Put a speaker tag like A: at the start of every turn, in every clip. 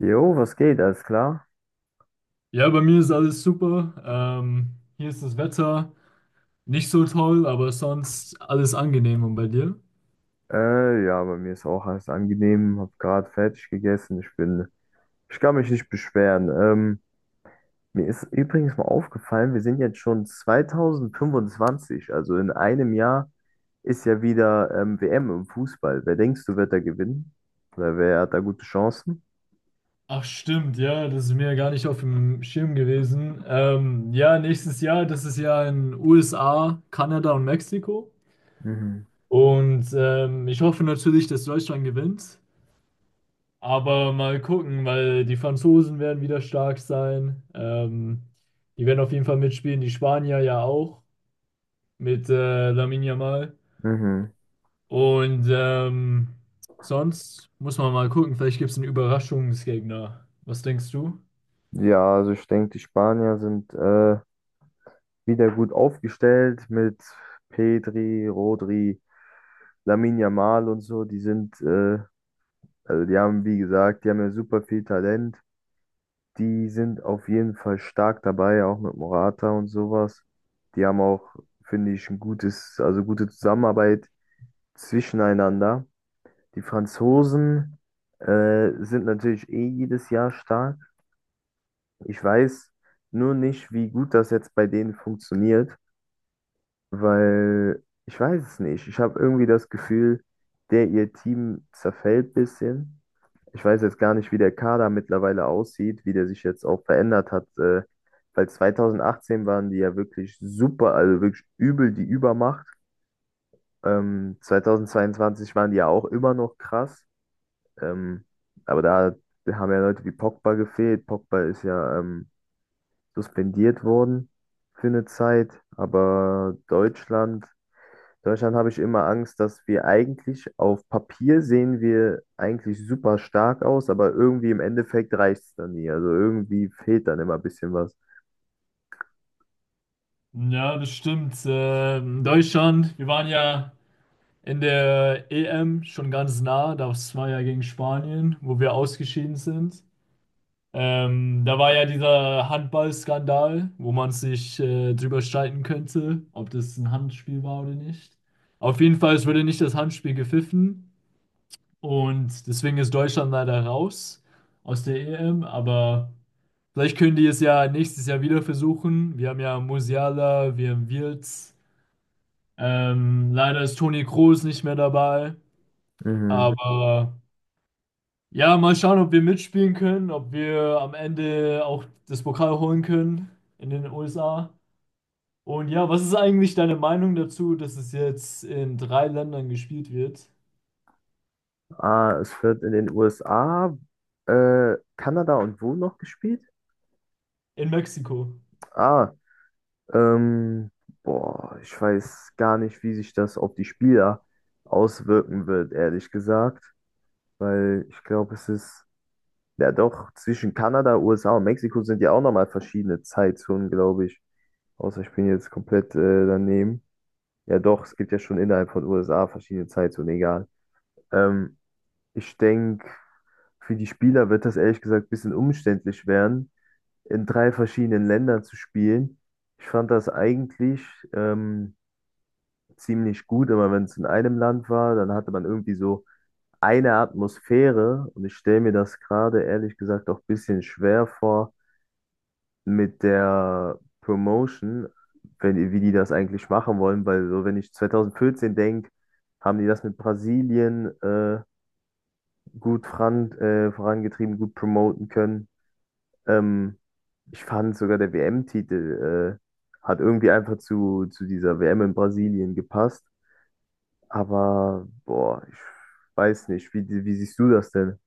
A: Jo, was geht? Alles klar?
B: Ja, bei mir ist alles super. Hier ist das Wetter nicht so toll, aber sonst alles angenehm. Und bei dir?
A: Ja, bei mir ist auch alles angenehm. Hab gerade fertig gegessen. Ich kann mich nicht beschweren. Mir ist übrigens mal aufgefallen, wir sind jetzt schon 2025. Also in einem Jahr ist ja wieder WM im Fußball. Wer denkst du, wird da gewinnen? Oder wer hat da gute Chancen?
B: Ach stimmt, ja, das ist mir gar nicht auf dem Schirm gewesen. Ja, nächstes Jahr, das ist ja in USA, Kanada und Mexiko.
A: Mhm.
B: Und ich hoffe natürlich, dass Deutschland gewinnt. Aber mal gucken, weil die Franzosen werden wieder stark sein. Die werden auf jeden Fall mitspielen, die Spanier ja auch, mit Lamine Yamal.
A: Mhm.
B: Und sonst muss man mal gucken, vielleicht gibt es einen Überraschungsgegner. Was denkst du?
A: Ja, also ich denke, die Spanier sind wieder gut aufgestellt mit Pedri, Rodri. Lamine Yamal und so, die sind also die haben ja super viel Talent. Die sind auf jeden Fall stark dabei, auch mit Morata und sowas. Die haben auch, finde ich, ein gutes, also gute Zusammenarbeit zwischeneinander. Die Franzosen, sind natürlich eh jedes Jahr stark. Ich weiß nur nicht, wie gut das jetzt bei denen funktioniert, weil ich weiß es nicht. Ich habe irgendwie das Gefühl, der ihr Team zerfällt ein bisschen. Ich weiß jetzt gar nicht, wie der Kader mittlerweile aussieht, wie der sich jetzt auch verändert hat. Weil 2018 waren die ja wirklich super, also wirklich übel die Übermacht. 2022 waren die ja auch immer noch krass. Ähm, aber da haben ja Leute wie Pogba gefehlt. Pogba ist ja suspendiert worden für eine Zeit. Aber Deutschland, habe ich immer Angst, dass wir eigentlich auf Papier sehen wir eigentlich super stark aus, aber irgendwie im Endeffekt reicht es dann nie. Also irgendwie fehlt dann immer ein bisschen was.
B: Ja, das stimmt. Deutschland, wir waren ja in der EM schon ganz nah, das war ja gegen Spanien, wo wir ausgeschieden sind. Da war ja dieser Handballskandal, wo man sich drüber streiten könnte, ob das ein Handspiel war oder nicht. Auf jeden Fall, es wurde nicht das Handspiel gepfiffen. Und deswegen ist Deutschland leider raus aus der EM, aber vielleicht können die es ja nächstes Jahr wieder versuchen. Wir haben ja Musiala, wir haben Wirtz. Leider ist Toni Kroos nicht mehr dabei,
A: Mhm.
B: aber ja, mal schauen, ob wir mitspielen können, ob wir am Ende auch das Pokal holen können in den USA. Und ja, was ist eigentlich deine Meinung dazu, dass es jetzt in drei Ländern gespielt wird?
A: Ah, es wird in den USA, Kanada und wo noch gespielt?
B: In Mexiko.
A: Ah, ähm, boah, ich weiß gar nicht, wie sich das auf die Spieler auswirken wird, ehrlich gesagt, weil ich glaube, ja doch, zwischen Kanada, USA und Mexiko sind ja auch nochmal verschiedene Zeitzonen, glaube ich. Außer ich bin jetzt komplett daneben. Ja, doch, es gibt ja schon innerhalb von USA verschiedene Zeitzonen, egal. Ähm, Ich denke, für die Spieler wird das ehrlich gesagt ein bisschen umständlich werden, in drei verschiedenen Ländern zu spielen. Ich fand das eigentlich ähm, ziemlich gut, immer wenn es in einem Land war, dann hatte man irgendwie so eine Atmosphäre und ich stelle mir das gerade ehrlich gesagt auch ein bisschen schwer vor mit der Promotion, wenn, wie die das eigentlich machen wollen, weil so, wenn ich 2014 denke, haben die das mit Brasilien gut vorangetrieben, gut promoten können. Ähm, Ich fand sogar der WM-Titel hat irgendwie einfach zu dieser WM in Brasilien gepasst. Aber boah, ich weiß nicht, wie siehst du das denn?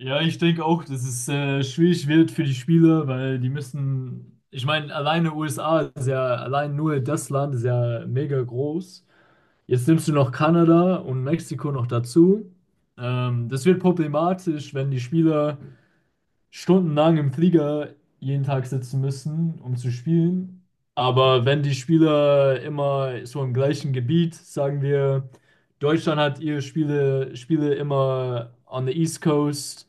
B: Ja, ich denke auch, dass es schwierig wird für die Spieler, weil die müssen, ich meine, alleine USA ist ja, allein nur das Land ist ja mega groß. Jetzt nimmst du noch Kanada und Mexiko noch dazu. Das wird problematisch, wenn die Spieler stundenlang im Flieger jeden Tag sitzen müssen, um zu spielen. Aber wenn die Spieler immer so im gleichen Gebiet, sagen wir, Deutschland hat ihre Spiele immer on the East Coast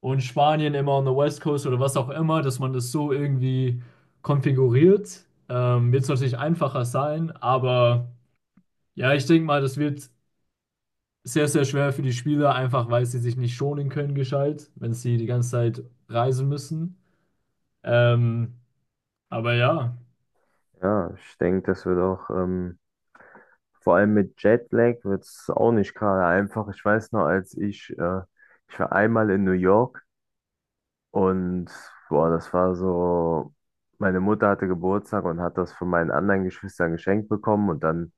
B: und Spanien immer on the West Coast oder was auch immer, dass man das so irgendwie konfiguriert. Wird es natürlich einfacher sein, aber ja, ich denke mal, das wird sehr, sehr schwer für die Spieler, einfach weil sie sich nicht schonen können, gescheit, wenn sie die ganze Zeit reisen müssen. Ähm, aber ja,
A: Ja, ich denke, das wird auch vor allem mit Jetlag wird es auch nicht gerade einfach. Ich weiß noch, ich war einmal in New York und boah, das war so, meine Mutter hatte Geburtstag und hat das von meinen anderen Geschwistern geschenkt bekommen und dann,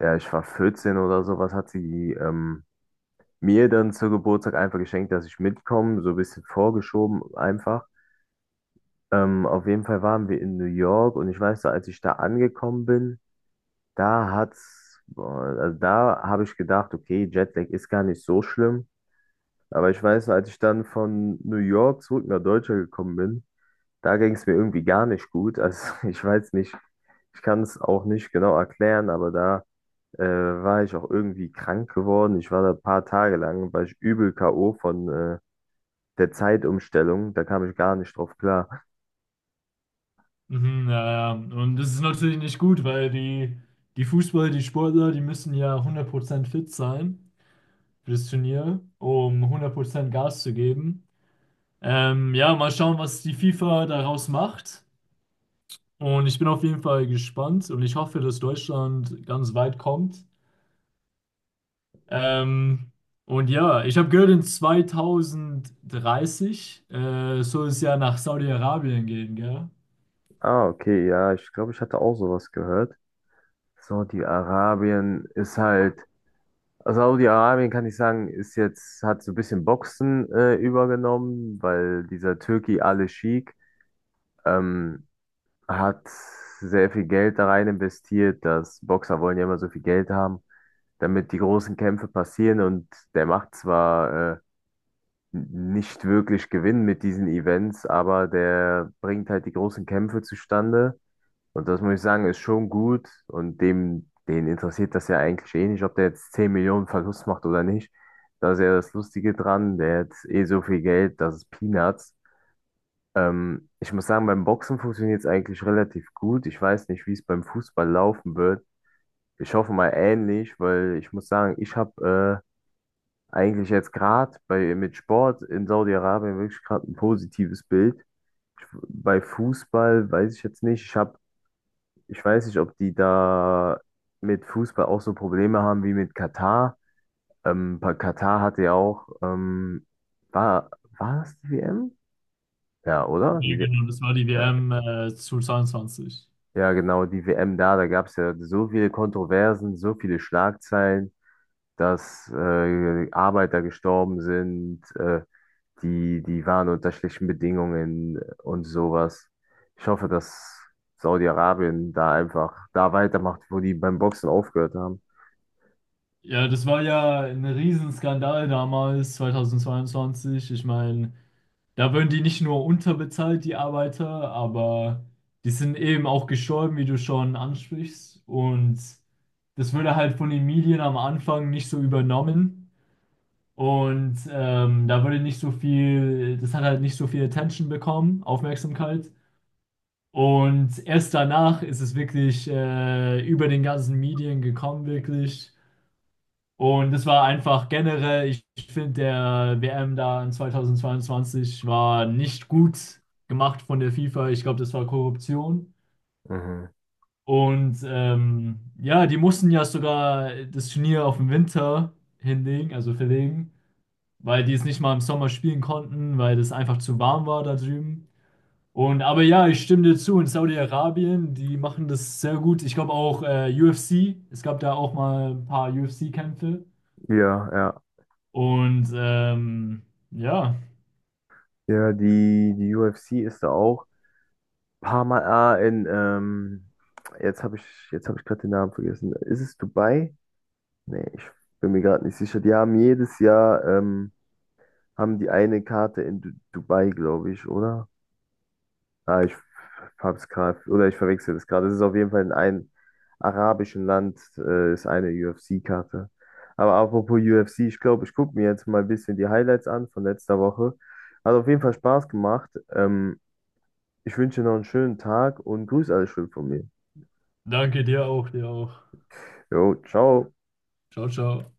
A: ja, ich war 14 oder sowas, hat sie mir dann zu Geburtstag einfach geschenkt, dass ich mitkomme, so ein bisschen vorgeschoben einfach. Auf jeden Fall waren wir in New York und ich weiß noch, als ich da angekommen bin, da hat's, boah, also da habe ich gedacht, okay, Jetlag ist gar nicht so schlimm. Aber ich weiß, als ich dann von New York zurück nach Deutschland gekommen bin, da ging es mir irgendwie gar nicht gut. Also ich weiß nicht, ich kann es auch nicht genau erklären, aber da äh, war ich auch irgendwie krank geworden. Ich war da ein paar Tage lang, war ich übel K.O. von der Zeitumstellung. Da kam ich gar nicht drauf klar.
B: mhm, ja, ja. Und das ist natürlich nicht gut, weil die Fußballer, die Sportler, die müssen ja 100% fit sein für das Turnier, um 100% Gas zu geben. Ja, mal schauen, was die FIFA daraus macht. Und ich bin auf jeden Fall gespannt und ich hoffe, dass Deutschland ganz weit kommt. Ähm, und ja, ich habe gehört, in 2030 soll es ja nach Saudi-Arabien gehen, gell?
A: Ah, okay, ja, ich glaube, ich hatte auch sowas gehört. Saudi-Arabien ist halt. Also Saudi-Arabien kann ich sagen, ist jetzt, hat so ein bisschen Boxen übergenommen, weil dieser Türki Ali Sheikh ähm, hat sehr viel Geld da rein investiert, dass Boxer wollen ja immer so viel Geld haben, damit die großen Kämpfe passieren und der macht zwar nicht wirklich Gewinn mit diesen Events, aber der bringt halt die großen Kämpfe zustande und das muss ich sagen, ist schon gut. Und dem, den interessiert das ja eigentlich eh nicht, ob der jetzt 10 Millionen Verlust macht oder nicht. Da ist ja das Lustige dran, der hat eh so viel Geld, das ist Peanuts. Ich muss sagen, beim Boxen funktioniert es eigentlich relativ gut. Ich weiß nicht, wie es beim Fußball laufen wird. Ich hoffe mal ähnlich, weil ich muss sagen, ich habe eigentlich jetzt gerade bei mit Sport in Saudi-Arabien wirklich gerade ein positives Bild. Ich, bei Fußball weiß ich jetzt nicht. Ich weiß nicht, ob die da mit Fußball auch so Probleme haben wie mit Katar. Bei Katar hatte ja auch, war, war das die WM? Ja, oder?
B: Ja,
A: Die WM,
B: genau, das war die
A: ja.
B: WM zu
A: Ja, genau, die WM da, da gab es ja so viele Kontroversen, so viele Schlagzeilen, dass Arbeiter gestorben sind, die waren unter schlechten Bedingungen und sowas. Ich hoffe, dass Saudi-Arabien da einfach da weitermacht, wo die beim Boxen aufgehört haben.
B: Ja, das war ja ein Riesenskandal damals, 2022. Ich meine, da werden die nicht nur unterbezahlt, die Arbeiter, aber die sind eben auch gestorben, wie du schon ansprichst. Und das würde halt von den Medien am Anfang nicht so übernommen. Und da würde nicht so viel, das hat halt nicht so viel Attention bekommen, Aufmerksamkeit. Und erst danach ist es wirklich über den ganzen Medien gekommen, wirklich. Und es war einfach generell, finde, der WM da in 2022 war nicht gut gemacht von der FIFA. Ich glaube, das war Korruption.
A: Mhm.
B: Und ja, die mussten ja sogar das Turnier auf den Winter hinlegen, also verlegen, weil die es nicht mal im Sommer spielen konnten, weil es einfach zu warm war da drüben. Und aber ja, ich stimme dir zu, in Saudi-Arabien, die machen das sehr gut. Ich glaube auch UFC, es gab da auch mal ein paar UFC-Kämpfe.
A: Ja, ja.
B: Und ja,
A: Ja, die UFC ist da auch ein paar Mal in, jetzt habe ich, jetzt habe ich gerade den Namen vergessen. Ist es Dubai? Nee, ich bin mir gerade nicht sicher. Die haben jedes Jahr, haben die eine Karte in Dubai, glaube ich, oder? Ah, ich hab's gerade, oder ich verwechsel das gerade. Es ist auf jeden Fall in einem arabischen Land, ist eine UFC-Karte. Aber apropos UFC, ich glaube, ich gucke mir jetzt mal ein bisschen die Highlights an von letzter Woche. Hat auf jeden Fall Spaß gemacht. Ich wünsche dir noch einen schönen Tag und grüß alle schön von mir.
B: danke dir auch, dir auch.
A: Jo, ciao.
B: Ciao, ciao.